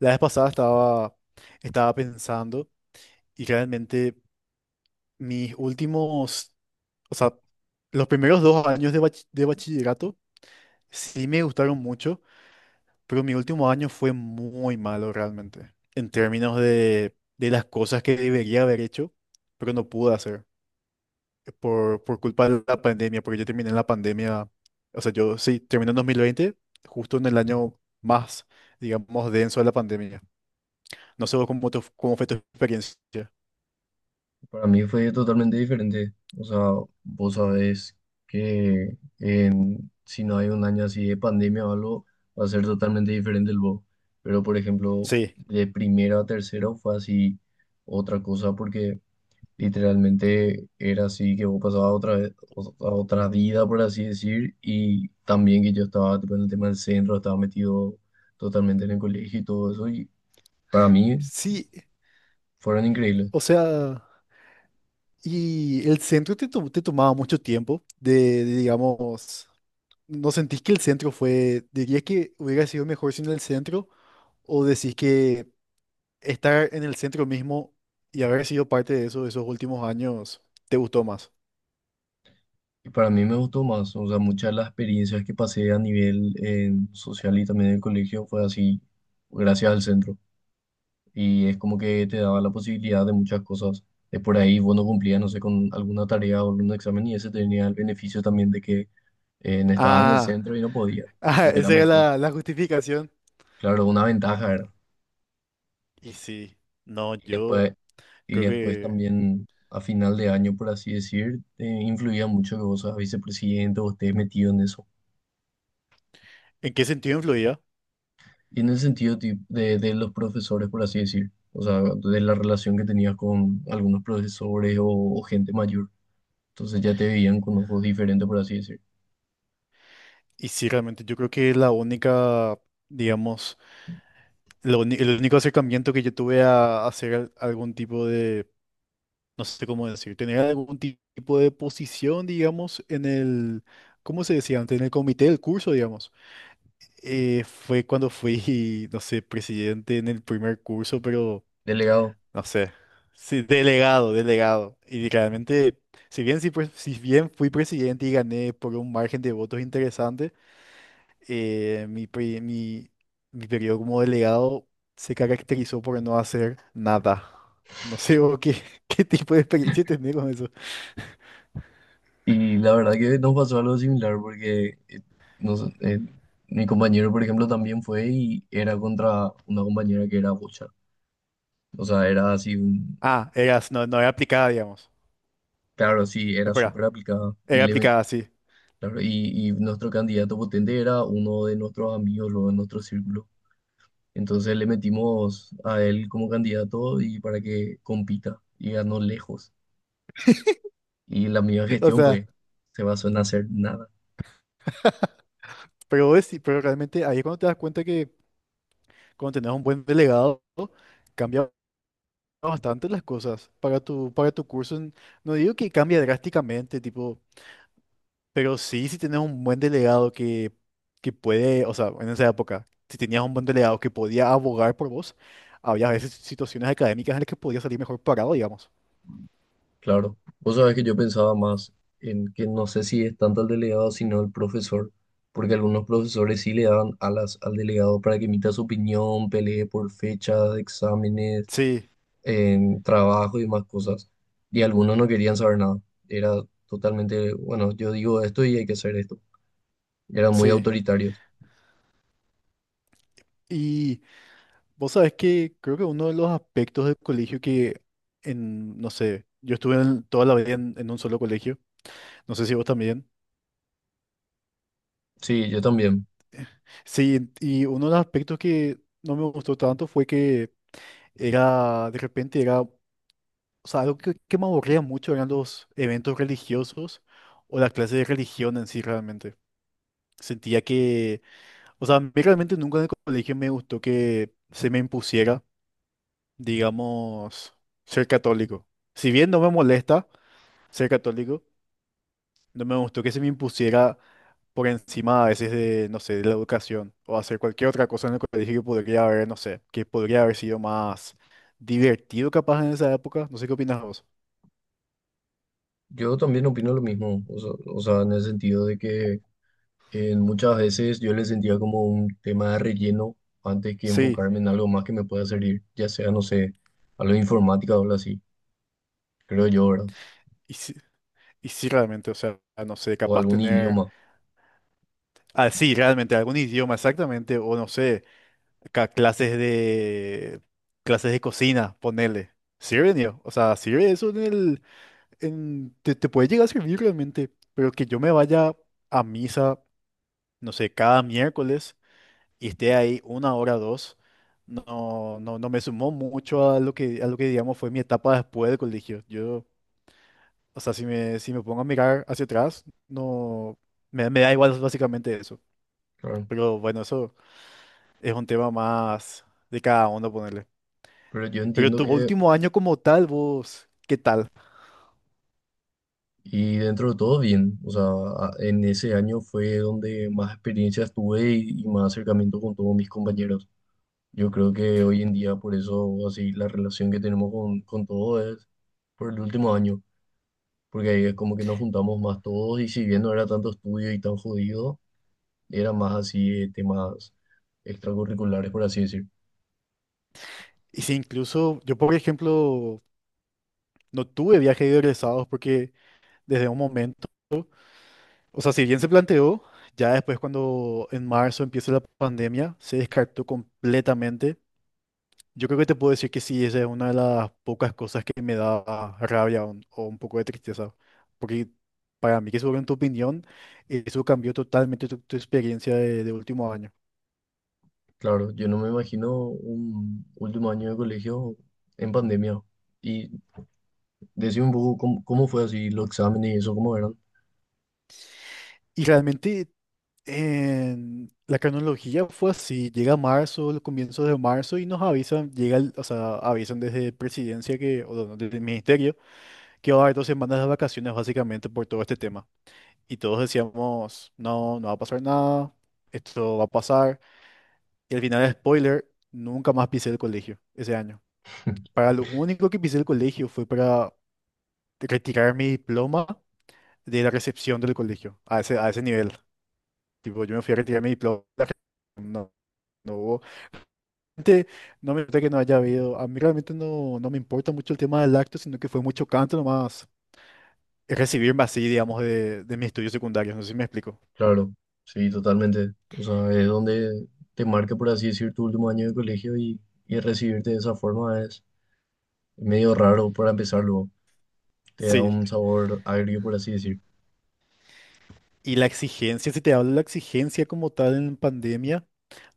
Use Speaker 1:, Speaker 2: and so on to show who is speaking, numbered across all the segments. Speaker 1: La vez pasada estaba pensando y realmente mis últimos, o sea, los primeros dos años de, de bachillerato sí me gustaron mucho, pero mi último año fue muy malo realmente, en términos de las cosas que debería haber hecho, pero no pude hacer por culpa de la pandemia, porque yo terminé en la pandemia, o sea, yo sí, terminé en 2020 justo en el año más, digamos, denso de la pandemia. No sé vos cómo, cómo fue tu experiencia.
Speaker 2: Para mí fue totalmente diferente. O sea, vos sabés que si no hay un año así de pandemia o algo, va a ser totalmente diferente el vos. Pero, por ejemplo,
Speaker 1: Sí,
Speaker 2: de primero a tercero fue así otra cosa porque literalmente era así que vos pasabas a a otra vida, por así decir, y también que yo estaba tipo, en el tema del centro, estaba metido totalmente en el colegio y todo eso, y para mí
Speaker 1: sí,
Speaker 2: fueron increíbles.
Speaker 1: o sea, y el centro te, te tomaba mucho tiempo de, digamos, ¿no sentís que el centro fue, dirías que hubiera sido mejor sin el centro o decís que estar en el centro mismo y haber sido parte de eso, de esos últimos años, te gustó más?
Speaker 2: Y para mí me gustó más, o sea, muchas de las experiencias que pasé a nivel social y también en el colegio fue así, gracias al centro. Y es como que te daba la posibilidad de muchas cosas. Es por ahí vos no cumplías, no sé, con alguna tarea o algún examen y ese tenía el beneficio también de que no estabas en el
Speaker 1: Ah,
Speaker 2: centro y no podías.
Speaker 1: ah,
Speaker 2: Entonces era
Speaker 1: esa era
Speaker 2: mejor.
Speaker 1: la, la justificación.
Speaker 2: Claro, una ventaja era.
Speaker 1: Y sí, no,
Speaker 2: Y
Speaker 1: yo
Speaker 2: después, y
Speaker 1: creo
Speaker 2: después
Speaker 1: que,
Speaker 2: también a final de año, por así decir, influía mucho que vos seas vicepresidente o estés metido en eso.
Speaker 1: ¿en qué sentido influía?
Speaker 2: Y en el sentido de los profesores, por así decir, o sea, de la relación que tenías con algunos profesores o gente mayor, entonces ya te veían con ojos diferentes, por así decir,
Speaker 1: Y sí, realmente yo creo que la única, digamos, El único acercamiento que yo tuve a hacer algún tipo de, no sé cómo decir, tener algún tipo de posición, digamos, en el, ¿cómo se decía antes? En el comité del curso, digamos. Fue cuando fui, no sé, presidente en el primer curso, pero
Speaker 2: delegado.
Speaker 1: no sé, sí, delegado. Y realmente, si bien, sí, pues, si bien fui presidente y gané por un margen de votos interesante, eh, mi, pri- mi, mi periodo como delegado se caracterizó por no hacer nada. No sé vos qué, qué tipo de experiencia tenés con eso.
Speaker 2: Y la verdad que nos pasó algo similar porque nos- eh, mi compañero, por ejemplo, también fue y era contra una compañera que era bocha. O sea, era así,
Speaker 1: Ah, eras, no, no era aplicada, digamos.
Speaker 2: claro, sí, era
Speaker 1: Espera,
Speaker 2: súper aplicada y
Speaker 1: era
Speaker 2: le
Speaker 1: aplicada, sí.
Speaker 2: claro, y nuestro candidato potente era uno de nuestros amigos, luego de nuestro círculo. Entonces le metimos a él como candidato y para que compita y ganó lejos. Y la misma
Speaker 1: O
Speaker 2: gestión
Speaker 1: sea,
Speaker 2: fue, se basó en hacer nada,
Speaker 1: pero, pero realmente ahí es cuando te das cuenta que cuando tenés un buen delegado, cambia bastante las cosas para para tu curso. No digo que cambie drásticamente, tipo, pero sí, si tenés un buen delegado que puede, o sea, en esa época, si tenías un buen delegado que podía abogar por vos, había a veces situaciones académicas en las que podías salir mejor parado, digamos.
Speaker 2: claro. Vos sabés que yo pensaba más en que no sé si es tanto al delegado sino al profesor, porque algunos profesores sí le daban alas al delegado para que emita su opinión, pelee por fechas, exámenes,
Speaker 1: Sí,
Speaker 2: en trabajo y más cosas. Y algunos no querían saber nada. Era totalmente, bueno, yo digo esto y hay que hacer esto. Era muy
Speaker 1: sí.
Speaker 2: autoritario.
Speaker 1: Y vos sabés que creo que uno de los aspectos del colegio que, en, no sé, yo estuve toda la vida en un solo colegio, no sé si vos también.
Speaker 2: Sí, yo también.
Speaker 1: Sí, y uno de los aspectos que no me gustó tanto fue que era, de repente, era, o sea, algo que me aburría mucho eran los eventos religiosos o la clase de religión en sí realmente. Sentía que, o sea, a mí realmente nunca en el colegio me gustó que se me impusiera, digamos, ser católico. Si bien no me molesta ser católico, no me gustó que se me impusiera por encima a veces de, no sé, de la educación o hacer cualquier otra cosa en el colegio que podría haber, no sé, que podría haber sido más divertido capaz en esa época. No sé qué opinas vos.
Speaker 2: Yo también opino lo mismo, o sea, en el sentido de que en muchas veces yo le sentía como un tema de relleno antes que
Speaker 1: Sí.
Speaker 2: enfocarme en algo más que me pueda servir, ya sea, no sé, algo de informática o algo así, creo yo, ¿verdad?
Speaker 1: Y sí, realmente, o sea, no sé,
Speaker 2: O
Speaker 1: capaz
Speaker 2: algún
Speaker 1: tener,
Speaker 2: idioma,
Speaker 1: ah, sí, realmente algún idioma exactamente, o no sé, ca- clases de, clases de cocina, ponele. Sirve, niño, o sea, sirve eso en el, en, te puede llegar a servir realmente, pero que yo me vaya a misa, no sé, cada miércoles y esté ahí una hora, dos, no, no, no me sumó mucho a lo que digamos fue mi etapa después del colegio. Yo, o sea, si me, si me pongo a mirar hacia atrás, no, me da igual básicamente eso.
Speaker 2: claro.
Speaker 1: Pero bueno, eso es un tema más de cada uno ponerle.
Speaker 2: Pero yo
Speaker 1: Pero
Speaker 2: entiendo
Speaker 1: tu
Speaker 2: que,
Speaker 1: último año como tal, vos, ¿qué tal?
Speaker 2: y dentro de todo bien, o sea, en ese año fue donde más experiencias tuve y más acercamiento con todos mis compañeros. Yo creo que hoy en día, por eso, así, la relación que tenemos con todo es por el último año, porque ahí es como que nos juntamos más todos y si bien no era tanto estudio y tan jodido, era más así temas extracurriculares, por así decir.
Speaker 1: Y si incluso, yo por ejemplo, no tuve viaje de egresados porque desde un momento, o sea, si bien se planteó, ya después cuando en marzo empieza la pandemia, se descartó completamente. Yo creo que te puedo decir que sí, esa es una de las pocas cosas que me da rabia o un poco de tristeza, porque para mí que sobre en tu opinión, eso cambió totalmente tu, tu experiencia de último año.
Speaker 2: Claro, yo no me imagino un último año de colegio en pandemia. Y decime un poco cómo, cómo fue así los exámenes y eso, cómo eran.
Speaker 1: Y realmente en la cronología fue así, llega marzo, los comienzos de marzo y nos avisan, o sea, avisan desde presidencia que, o no, desde el ministerio que va a haber 2 semanas de vacaciones básicamente por todo este tema. Y todos decíamos, no, no va a pasar nada, esto va a pasar. Y al final, spoiler, nunca más pisé el colegio ese año. Para lo único que pisé el colegio fue para retirar mi diploma de la recepción del colegio, a ese nivel. Tipo, yo me fui a retirar mi diploma, no, no hubo... Realmente, no me importa que no haya habido, a mí realmente no, no me importa mucho el tema del acto, sino que fue mucho canto nomás recibirme así, digamos, de mis estudios secundarios, no sé si me explico.
Speaker 2: Claro, sí, totalmente. O sea, es donde te marca, por así decir, tu último año de colegio y recibirte de esa forma es medio raro para empezarlo. Te da
Speaker 1: Sí.
Speaker 2: un sabor agrio, por así decir.
Speaker 1: Y la exigencia, si te hablo de la exigencia como tal en pandemia,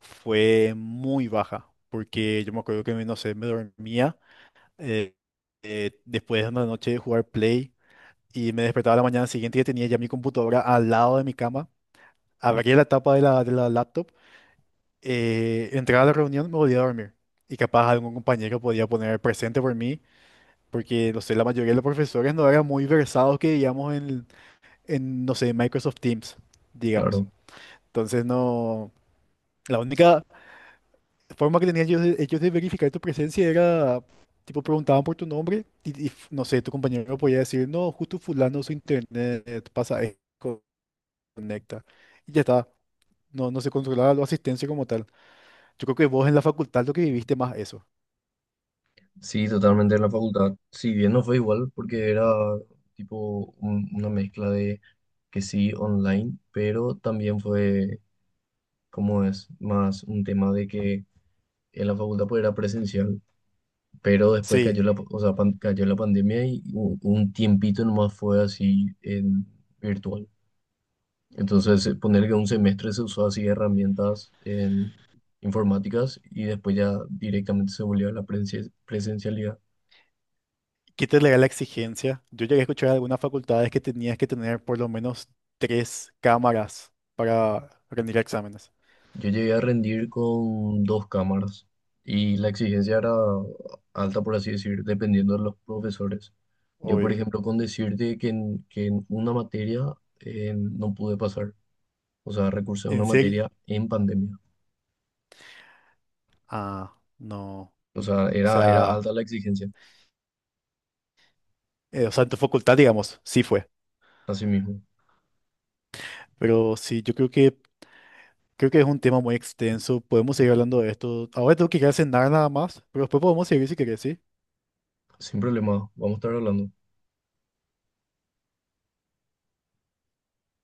Speaker 1: fue muy baja, porque yo me acuerdo que, no sé, me dormía eh, después de una noche de jugar Play y me despertaba la mañana siguiente y tenía ya mi computadora al lado de mi cama, abría la tapa de la laptop, entraba a la reunión, me volvía a dormir. Y capaz algún compañero podía poner presente por mí, porque, no sé, la mayoría de los profesores no eran muy versados que digamos en no sé, Microsoft Teams, digamos.
Speaker 2: Claro,
Speaker 1: Entonces no, la única forma que tenían ellos de verificar tu presencia era, tipo, preguntaban por tu nombre y, no sé, tu compañero podía decir, no, justo fulano su internet pasa, esto, conecta. Y ya está, no, no se controlaba la asistencia como tal. Yo creo que vos en la facultad lo que viviste más eso.
Speaker 2: sí, totalmente en la facultad. Si bien no fue igual, porque era tipo una mezcla de que sí online, pero también fue, como es, más un tema de que en la facultad pues era presencial pero después cayó
Speaker 1: Sí,
Speaker 2: la, o sea, cayó la pandemia y un tiempito nomás fue así en virtual. Entonces, poner que un semestre se usó así herramientas en informáticas y después ya directamente se volvió a la presencialidad.
Speaker 1: quítale la exigencia. Yo llegué a escuchar algunas facultades que tenías que tener por lo menos 3 cámaras para rendir exámenes,
Speaker 2: Yo llegué a rendir con dos cámaras y la exigencia era alta, por así decir, dependiendo de los profesores. Yo, por
Speaker 1: obvio.
Speaker 2: ejemplo, con decirte que en una materia no pude pasar, o sea, recursé a una
Speaker 1: ¿En serio?
Speaker 2: materia en pandemia.
Speaker 1: Ah, no.
Speaker 2: O sea,
Speaker 1: O
Speaker 2: era, era alta
Speaker 1: sea,
Speaker 2: la exigencia,
Speaker 1: o sea, en tu facultad, digamos, sí fue.
Speaker 2: así mismo.
Speaker 1: Pero sí, yo creo que es un tema muy extenso. Podemos seguir hablando de esto. Ahora tengo que ir a cenar nada más, pero después podemos seguir si querés, ¿sí?
Speaker 2: Sin problema, vamos a estar hablando.